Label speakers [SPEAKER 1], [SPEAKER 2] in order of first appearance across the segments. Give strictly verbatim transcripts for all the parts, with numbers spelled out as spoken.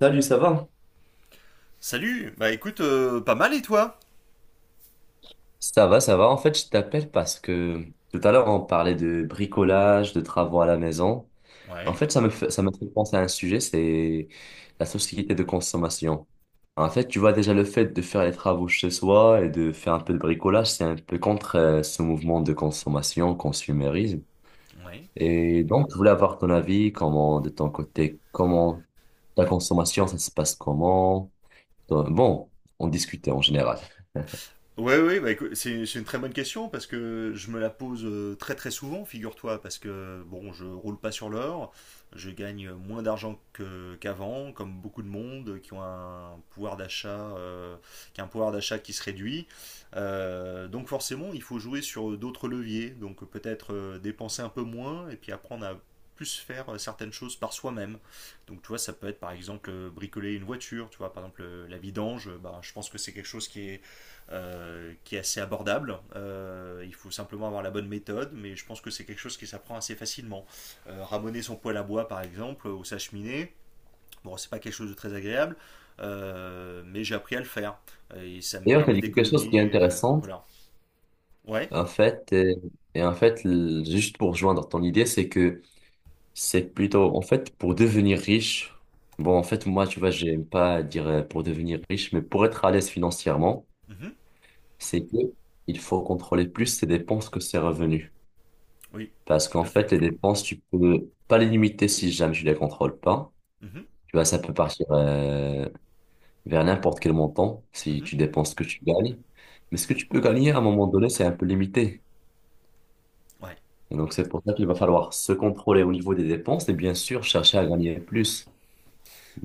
[SPEAKER 1] Salut, ça va?
[SPEAKER 2] Salut, bah écoute, euh, pas mal et toi.
[SPEAKER 1] Ça va, ça va. En fait, je t'appelle parce que tout à l'heure, on parlait de bricolage, de travaux à la maison. En
[SPEAKER 2] Ouais,
[SPEAKER 1] fait, ça me fait, ça me fait penser à un sujet, c'est la société de consommation. En fait, tu vois déjà le fait de faire les travaux chez soi et de faire un peu de bricolage, c'est un peu contre euh, ce mouvement de consommation, consumérisme.
[SPEAKER 2] ouais.
[SPEAKER 1] Et donc, je voulais avoir ton avis, comment, de ton côté, comment ta consommation, ça se passe comment? Bon, on discutait en général.
[SPEAKER 2] Ouais, ouais, bah, écoute, c'est c'est une très bonne question parce que je me la pose euh, très très souvent, figure-toi, parce que bon, je roule pas sur l'or, je gagne moins d'argent que- qu'avant, comme beaucoup de monde qui ont un pouvoir d'achat, euh, qui a un pouvoir d'achat qui se réduit. Euh, donc forcément, il faut jouer sur d'autres leviers, donc peut-être euh, dépenser un peu moins et puis apprendre à plus faire euh, certaines choses par soi-même. Donc tu vois, ça peut être par exemple euh, bricoler une voiture, tu vois, par exemple euh, la vidange, bah, je pense que c'est quelque chose qui est euh, qui est assez abordable. Euh, il faut simplement avoir la bonne méthode, mais je pense que c'est quelque chose qui s'apprend assez facilement. Euh, ramoner son poêle à bois, par exemple, ou sa cheminée, bon, c'est pas quelque chose de très agréable, euh, mais j'ai appris à le faire. Et ça me
[SPEAKER 1] D'ailleurs, tu as
[SPEAKER 2] permet
[SPEAKER 1] dit quelque chose qui est
[SPEAKER 2] d'économiser. Euh,
[SPEAKER 1] intéressant.
[SPEAKER 2] voilà. Ouais.
[SPEAKER 1] En fait, euh, et en fait, l- juste pour rejoindre ton idée, c'est que c'est plutôt, en fait, pour devenir riche. Bon, en fait, moi, tu vois, j'aime pas dire euh, pour devenir riche, mais pour être à l'aise financièrement,
[SPEAKER 2] Mhm.
[SPEAKER 1] c'est que il faut contrôler plus ses dépenses que ses revenus.
[SPEAKER 2] Oui,
[SPEAKER 1] Parce
[SPEAKER 2] tout
[SPEAKER 1] qu'en
[SPEAKER 2] à
[SPEAKER 1] fait,
[SPEAKER 2] fait.
[SPEAKER 1] les dépenses, tu peux pas les limiter si jamais tu les contrôles pas.
[SPEAKER 2] Mhm.
[SPEAKER 1] Tu vois, ça peut partir euh, vers n'importe quel montant si
[SPEAKER 2] Mhm.
[SPEAKER 1] tu dépenses ce que tu gagnes. Mais ce que tu peux gagner à un moment donné, c'est un peu limité.
[SPEAKER 2] Ouais.
[SPEAKER 1] Et donc, c'est pour ça qu'il va falloir se contrôler au niveau des dépenses et bien sûr chercher à gagner plus.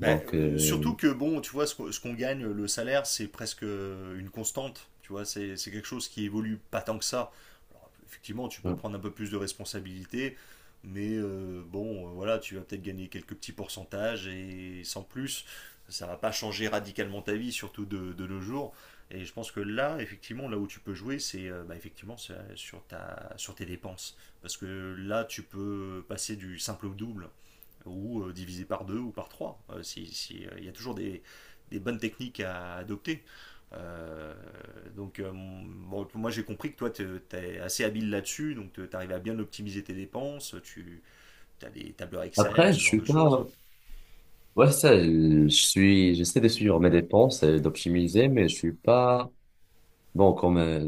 [SPEAKER 2] Bah, euh,
[SPEAKER 1] euh,
[SPEAKER 2] surtout que, bon, tu vois, ce qu'on ce qu'on gagne, le salaire, c'est presque euh, une constante. Tu vois, c'est c'est quelque chose qui évolue pas tant que ça. Alors, effectivement, tu peux prendre un peu plus de responsabilités, mais euh, bon, euh, voilà, tu vas peut-être gagner quelques petits pourcentages et sans plus, ça va pas changer radicalement ta vie, surtout de, de nos jours. Et je pense que là, effectivement, là où tu peux jouer, c'est euh, bah, effectivement c'est, euh, sur ta, sur tes dépenses. Parce que là, tu peux passer du simple au double ou euh, divisé par deux ou par trois. Euh, si, si, euh, Il y a toujours des, des bonnes techniques à adopter. Euh, donc, euh, bon, moi j'ai compris que toi tu es assez habile là-dessus, donc tu arrives à bien optimiser tes dépenses, tu as des tableurs Excel,
[SPEAKER 1] après, je
[SPEAKER 2] ce genre
[SPEAKER 1] suis
[SPEAKER 2] de choses.
[SPEAKER 1] pas, ouais, ça, je je suis, j'essaie de suivre mes dépenses et d'optimiser, mais je suis pas, bon, comme euh,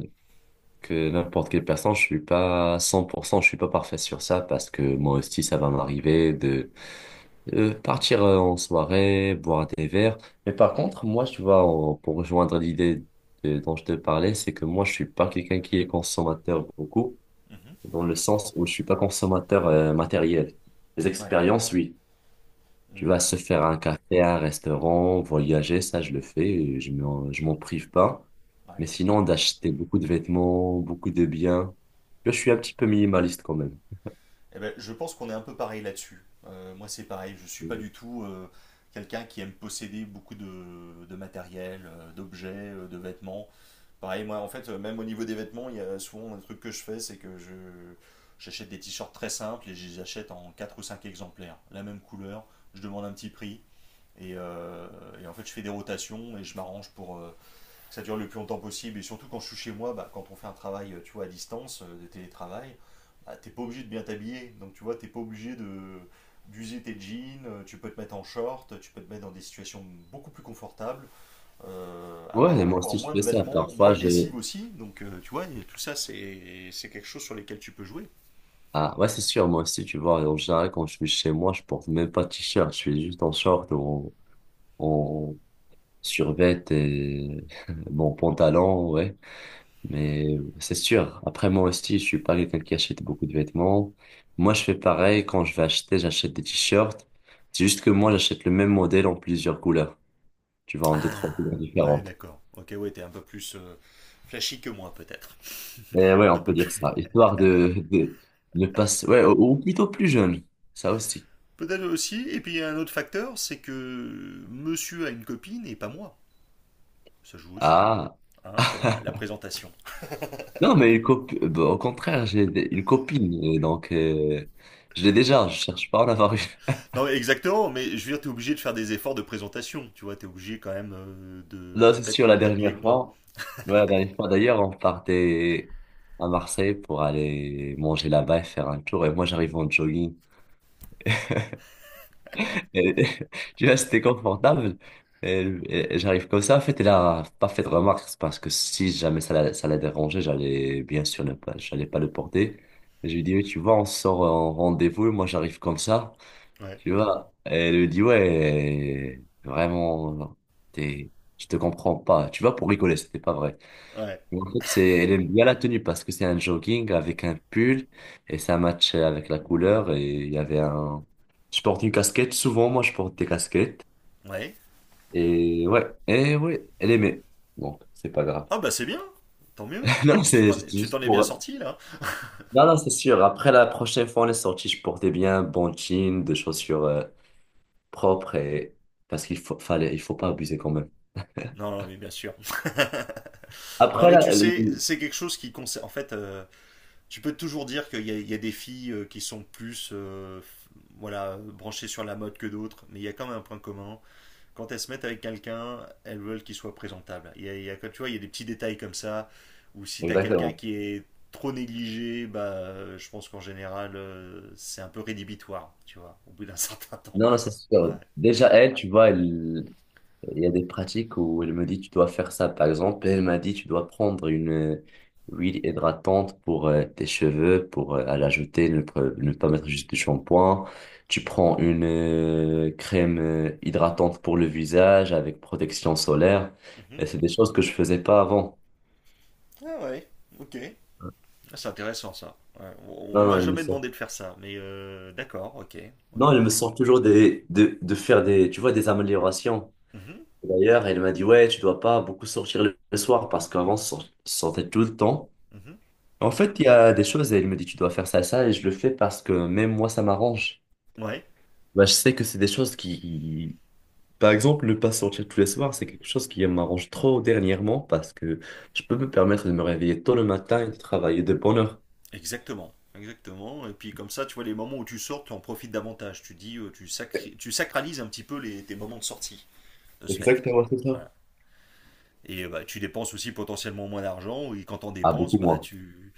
[SPEAKER 1] que n'importe quelle personne, je suis pas cent pour cent, je suis pas parfait sur ça parce que moi aussi, ça va m'arriver de euh, partir euh, en soirée, boire des verres. Mais par contre, moi, tu vois, en- pour rejoindre l'idée de- dont je te parlais, c'est que moi, je suis pas quelqu'un qui est consommateur beaucoup.
[SPEAKER 2] Mhm.
[SPEAKER 1] Dans le sens où je suis pas consommateur euh, matériel. Les
[SPEAKER 2] Ouais.
[SPEAKER 1] expériences, oui. Tu
[SPEAKER 2] Mm.
[SPEAKER 1] vas se faire un café, un restaurant, voyager, ça je le fais, et je m'en, je m'en prive pas. Mais
[SPEAKER 2] Ouais.
[SPEAKER 1] sinon, d'acheter beaucoup de vêtements, beaucoup de biens, je suis un petit peu minimaliste quand même.
[SPEAKER 2] Eh ben, je pense qu'on est un peu pareil là-dessus. Euh, moi, c'est pareil. Je suis pas
[SPEAKER 1] Mm.
[SPEAKER 2] du tout euh, quelqu'un qui aime posséder beaucoup de, de matériel, euh, d'objets, euh, de vêtements. Pareil, moi, en fait, euh, même au niveau des vêtements, il y a souvent un truc que je fais, c'est que je j'achète des t-shirts très simples et je les achète en quatre ou cinq exemplaires, la même couleur, je demande un petit prix. Et, euh, et en fait, je fais des rotations et je m'arrange pour euh, que ça dure le plus longtemps possible. Et surtout quand je suis chez moi, bah, quand on fait un travail, euh, tu vois, à distance, euh, de télétravail, bah, t'es pas obligé de bien t'habiller. Donc tu vois, t'es pas obligé de d'user tes jeans. euh, Tu peux te mettre en short, tu peux te mettre dans des situations beaucoup plus confortables, euh,
[SPEAKER 1] Ouais, et
[SPEAKER 2] avoir
[SPEAKER 1] moi
[SPEAKER 2] encore
[SPEAKER 1] aussi je
[SPEAKER 2] moins de
[SPEAKER 1] fais ça.
[SPEAKER 2] vêtements,
[SPEAKER 1] Parfois,
[SPEAKER 2] moins de
[SPEAKER 1] je...
[SPEAKER 2] lessive aussi. Donc, euh, tu vois, tout ça, c'est c'est quelque chose sur lesquels tu peux jouer.
[SPEAKER 1] Ah, ouais, c'est sûr, moi aussi, tu vois, en général, quand je suis chez moi, je porte même pas de t-shirt, je suis juste en short ou en, en survêt et mon pantalon, ouais. Mais c'est sûr. Après, moi aussi, je suis pas quelqu'un qui achète beaucoup de vêtements. Moi, je fais pareil. Quand je vais acheter, j'achète des t-shirts. C'est juste que moi, j'achète le même modèle en plusieurs couleurs. Tu vois, en deux, trois
[SPEAKER 2] Ah,
[SPEAKER 1] couleurs
[SPEAKER 2] ouais,
[SPEAKER 1] différentes.
[SPEAKER 2] d'accord. Ok, ouais, t'es un peu plus euh, flashy que moi, peut-être.
[SPEAKER 1] Et ouais,
[SPEAKER 2] Un
[SPEAKER 1] on peut
[SPEAKER 2] peu
[SPEAKER 1] dire
[SPEAKER 2] plus.
[SPEAKER 1] ça. Histoire de, de, de passer, ouais, ou ou plutôt plus jeune. Ça aussi.
[SPEAKER 2] Peut-être aussi. Et puis, il y a un autre facteur, c'est que monsieur a une copine et pas moi. Ça joue aussi.
[SPEAKER 1] Ah.
[SPEAKER 2] Hein, quand même, la présentation.
[SPEAKER 1] Non, mais une copi- bah, au contraire, j'ai des- une copine. Et donc, euh, je l'ai déjà. Je cherche pas à en avoir.
[SPEAKER 2] Non, exactement, mais je veux dire, t'es obligé de faire des efforts de présentation. Tu vois, t'es obligé quand même euh, de
[SPEAKER 1] Là, c'est
[SPEAKER 2] peut-être
[SPEAKER 1] sûr, la
[SPEAKER 2] mieux t'habiller
[SPEAKER 1] dernière
[SPEAKER 2] que moi.
[SPEAKER 1] fois, ouais, la dernière fois d'ailleurs, on partait à Marseille pour aller manger là-bas et faire un tour. Et moi, j'arrive en jogging. Et- tu vois, c'était confortable. Et, et- et j'arrive comme ça. En fait, elle a pas fait de remarque, c'est parce que si jamais ça la, ça la dérangeait, j'allais bien sûr ne pas, j'allais pas le porter. Et je lui dis, oui, tu vois, on sort en rendez-vous et moi, j'arrive comme ça.
[SPEAKER 2] Ouais.
[SPEAKER 1] Tu vois, et elle lui dit, ouais, vraiment, t'es, je te comprends pas. Tu vois, pour rigoler, c'était pas vrai.
[SPEAKER 2] Ouais.
[SPEAKER 1] Et en fait, c'est, elle aime bien la tenue parce que c'est un jogging avec un pull et ça match avec la couleur et il y avait un, je porte une casquette. Souvent, moi, je porte des casquettes
[SPEAKER 2] Ouais.
[SPEAKER 1] et ouais, et ouais, elle aimait. Donc, c'est pas grave.
[SPEAKER 2] Ah bah c'est bien, tant mieux.
[SPEAKER 1] Non,
[SPEAKER 2] Tu
[SPEAKER 1] c'est
[SPEAKER 2] t'en
[SPEAKER 1] c'est
[SPEAKER 2] es, tu
[SPEAKER 1] juste
[SPEAKER 2] t'en es bien
[SPEAKER 1] pour,
[SPEAKER 2] sorti là?
[SPEAKER 1] non, non, c'est sûr. Après la prochaine fois, on est sorti, je portais bien un bon jean, des chaussures euh, propres et parce qu'il faut, fallait, il faut pas abuser quand même.
[SPEAKER 2] Non, non, mais bien sûr. Non,
[SPEAKER 1] Après
[SPEAKER 2] mais tu
[SPEAKER 1] la,
[SPEAKER 2] sais,
[SPEAKER 1] le-
[SPEAKER 2] c'est quelque chose qui concerne. En fait, euh, tu peux toujours dire qu'il y a, il y a des filles euh, qui sont plus euh, f- voilà, branchées sur la mode que d'autres, mais il y a quand même un point commun. Quand elles se mettent avec quelqu'un, elles veulent qu'il soit présentable. Il y a, il y a- tu vois, il y a des petits détails comme ça, où si t'as quelqu'un
[SPEAKER 1] Exactement.
[SPEAKER 2] qui est trop négligé, bah, euh, je pense qu'en général, euh, c'est un peu rédhibitoire, tu vois, au bout d'un certain temps.
[SPEAKER 1] Non, non, c'est
[SPEAKER 2] Ouais.
[SPEAKER 1] sûr. Déjà, elle, tu vois, elle, il y a des pratiques où elle me dit tu dois faire ça. Par exemple, elle m'a dit tu dois prendre une euh, huile hydratante pour euh, tes cheveux, pour euh, à l'ajouter, ne, pre- ne pas mettre juste du shampoing. Tu prends une euh, crème euh, hydratante pour le visage avec protection solaire.
[SPEAKER 2] Mhm.
[SPEAKER 1] Et c'est des choses que je faisais pas avant.
[SPEAKER 2] Ah ouais, ok. Ah, c'est intéressant ça. Ouais, On
[SPEAKER 1] Non,
[SPEAKER 2] on
[SPEAKER 1] non,
[SPEAKER 2] m'a
[SPEAKER 1] elle me
[SPEAKER 2] jamais
[SPEAKER 1] sort.
[SPEAKER 2] demandé de faire ça, mais euh, d'accord, ok,
[SPEAKER 1] Non,
[SPEAKER 2] ok,
[SPEAKER 1] elle me
[SPEAKER 2] ok.
[SPEAKER 1] sort toujours des, de, de faire des, tu vois, des améliorations.
[SPEAKER 2] Mhm,
[SPEAKER 1] D'ailleurs, elle m'a dit, ouais, tu dois pas beaucoup sortir le le soir parce qu'avant, je sort- sortais tout le temps.
[SPEAKER 2] mhm.
[SPEAKER 1] En fait, il y a des choses et il me dit tu dois faire ça, ça, et je le fais parce que même moi, ça m'arrange.
[SPEAKER 2] Ouais,
[SPEAKER 1] Bah, je sais que c'est des choses qui, par exemple, ne pas sortir tous les soirs, c'est quelque chose qui m'arrange trop dernièrement parce que je peux me permettre de me réveiller tôt le matin et de travailler de bonne heure.
[SPEAKER 2] exactement, exactement. Et puis comme ça, tu vois, les moments où tu sors, tu en profites davantage. Tu dis, euh, tu sacri- tu sacralises un petit peu les, tes moments de sortie de ce fait.
[SPEAKER 1] Exactement, c'est ça.
[SPEAKER 2] Voilà. Et euh, bah, tu dépenses aussi potentiellement moins d'argent, et quand t'en
[SPEAKER 1] Ah,
[SPEAKER 2] dépenses,
[SPEAKER 1] beaucoup
[SPEAKER 2] bah
[SPEAKER 1] moins.
[SPEAKER 2] tu,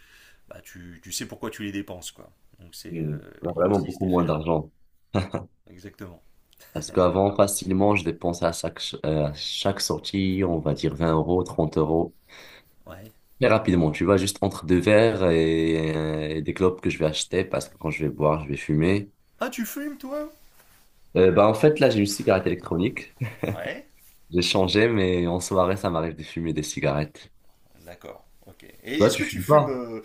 [SPEAKER 2] bah tu, tu sais pourquoi tu les dépenses, quoi. Donc c'est,
[SPEAKER 1] Hmm.
[SPEAKER 2] euh,
[SPEAKER 1] Ah,
[SPEAKER 2] il y a
[SPEAKER 1] vraiment
[SPEAKER 2] aussi cet
[SPEAKER 1] beaucoup moins
[SPEAKER 2] effet-là.
[SPEAKER 1] d'argent.
[SPEAKER 2] Exactement.
[SPEAKER 1] Parce qu'avant, facilement, je dépensais à chaque, ch- euh, à chaque sortie, on va dire vingt euros, trente euros.
[SPEAKER 2] Ouais.
[SPEAKER 1] Très rapidement, tu vois, juste entre deux verres et, euh, et des clopes que je vais acheter parce que quand je vais boire, je vais fumer.
[SPEAKER 2] Ah, tu fumes, toi?
[SPEAKER 1] Euh, bah, en fait, là, j'ai une cigarette électronique.
[SPEAKER 2] Ouais.
[SPEAKER 1] J'ai changé, mais en soirée, ça m'arrive de fumer des cigarettes.
[SPEAKER 2] D'accord. Ok. Et
[SPEAKER 1] Toi,
[SPEAKER 2] est-ce
[SPEAKER 1] tu
[SPEAKER 2] que tu
[SPEAKER 1] fumes
[SPEAKER 2] fumes
[SPEAKER 1] pas?
[SPEAKER 2] euh,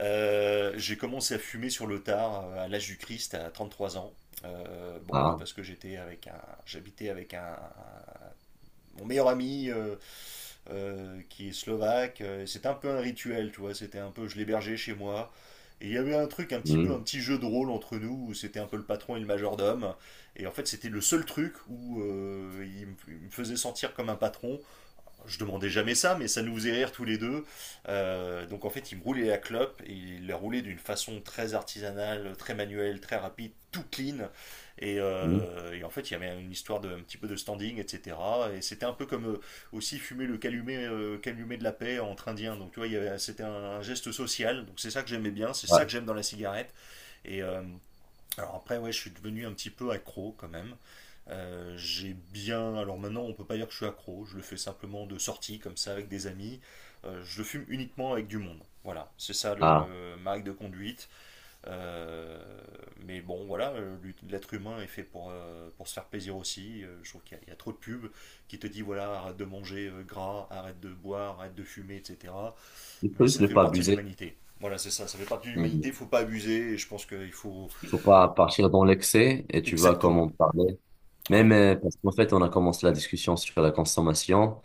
[SPEAKER 2] euh, J'ai commencé à fumer sur le tard, euh, à l'âge du Christ, à trente-trois ans. Euh, bon voilà,
[SPEAKER 1] Ah,
[SPEAKER 2] parce que j'étais avec un, j'habitais avec un, un- mon meilleur ami euh, euh, qui est slovaque. Euh, C'était un peu un rituel, tu vois. C'était un peu, je l'hébergeais chez moi. Et il y avait un truc, un petit peu, un
[SPEAKER 1] hmm,
[SPEAKER 2] petit jeu de rôle entre nous où c'était un peu le patron et le majordome. Et en fait, c'était le seul truc où euh, il me, il me faisait sentir comme un patron. Je demandais jamais ça, mais ça nous faisait rire tous les deux. Euh, donc en fait, il me roulait la clope et il la roulait d'une façon très artisanale, très manuelle, très rapide, tout clean. Et,
[SPEAKER 1] hmm,
[SPEAKER 2] euh, et en fait, il y avait une histoire de un petit peu de standing, et cætera. Et c'était un peu comme euh, aussi fumer le calumet, euh, calumet de la paix entre Indiens. Donc tu vois, il y avait- c'était un, un geste social. Donc c'est ça que j'aimais bien, c'est ça
[SPEAKER 1] ah,
[SPEAKER 2] que j'aime dans la cigarette. Et, euh, alors après, ouais, je suis devenu un petit peu accro quand même. Euh, j'ai bien. Alors maintenant, on peut pas dire que je suis accro. Je le fais simplement de sortie, comme ça, avec des amis. Euh, je le fume uniquement avec du monde. Voilà, c'est ça
[SPEAKER 1] ah.
[SPEAKER 2] le ma règle de conduite. Euh, mais bon, voilà, euh, l'ut- l'être humain est fait pour, euh, pour se faire plaisir aussi. Euh, je trouve qu'il y, a il y a trop de pubs qui te dit voilà, arrête de manger euh, gras, arrête de boire, arrête de fumer, et cætera.
[SPEAKER 1] Il faut
[SPEAKER 2] Mais
[SPEAKER 1] juste
[SPEAKER 2] ça
[SPEAKER 1] ne
[SPEAKER 2] fait
[SPEAKER 1] pas
[SPEAKER 2] partie de
[SPEAKER 1] abuser.
[SPEAKER 2] l'humanité. Voilà, c'est ça, ça fait partie de
[SPEAKER 1] Hmm.
[SPEAKER 2] l'humanité. Faut pas abuser. Et je pense qu'il faut.
[SPEAKER 1] Il faut pas partir dans l'excès et tu vois comment
[SPEAKER 2] Exactement.
[SPEAKER 1] on parlait.
[SPEAKER 2] Ouais,
[SPEAKER 1] Même euh, parce qu'en fait, on a commencé la discussion sur la consommation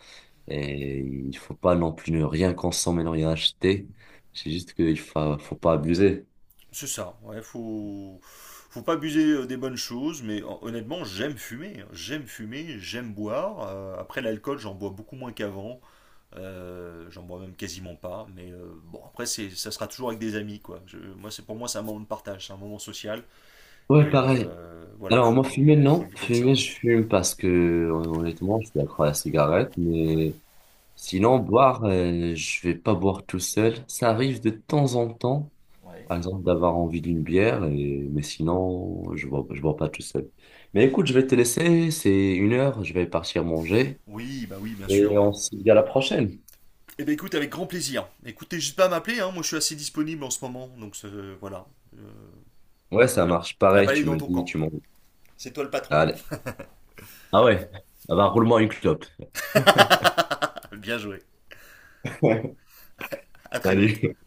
[SPEAKER 1] et il faut pas non plus ne rien consommer, ne rien acheter. C'est juste qu'il faut, faut pas abuser.
[SPEAKER 2] c'est ça. Ouais, faut, faut pas abuser euh, des bonnes choses, mais hon- honnêtement, j'aime fumer. Hein. J'aime fumer, j'aime boire. Euh, après l'alcool, j'en bois beaucoup moins qu'avant. Euh, j'en bois même quasiment pas. Mais euh, bon, après, c'est, ça sera toujours avec des amis, quoi. Je- moi, c'est pour moi, c'est un moment de partage, c'est un moment social.
[SPEAKER 1] Ouais,
[SPEAKER 2] Et
[SPEAKER 1] pareil.
[SPEAKER 2] euh, voilà,
[SPEAKER 1] Alors, moi, fumer,
[SPEAKER 2] faut, faut le
[SPEAKER 1] non.
[SPEAKER 2] vivre comme ça.
[SPEAKER 1] Fumer, je fume parce que, honnêtement, je suis accro à la cigarette,
[SPEAKER 2] Ouais,
[SPEAKER 1] mais sinon, boire, euh, je vais pas boire tout seul. Ça arrive de temps en temps,
[SPEAKER 2] ouais.
[SPEAKER 1] par exemple, d'avoir envie d'une bière, et... mais sinon, je bois, je bois pas tout seul. Mais écoute, je vais te laisser, c'est une heure, je vais partir manger,
[SPEAKER 2] Oui, bah oui, bien sûr.
[SPEAKER 1] et
[SPEAKER 2] Ouais.
[SPEAKER 1] on se dit à la prochaine.
[SPEAKER 2] Eh ben écoute, avec grand plaisir. Écoutez, juste pas à m'appeler. Hein, moi, je suis assez disponible en ce moment, donc euh, voilà. Euh,
[SPEAKER 1] Ouais, ça
[SPEAKER 2] voilà.
[SPEAKER 1] marche.
[SPEAKER 2] La
[SPEAKER 1] Pareil,
[SPEAKER 2] balle est
[SPEAKER 1] tu
[SPEAKER 2] dans
[SPEAKER 1] me
[SPEAKER 2] ton
[SPEAKER 1] dis,
[SPEAKER 2] camp.
[SPEAKER 1] tu m'en...
[SPEAKER 2] C'est toi le patron.
[SPEAKER 1] Allez. Ah ouais, ah bah, roule-moi une clope.
[SPEAKER 2] Bien joué. À très vite.
[SPEAKER 1] Salut.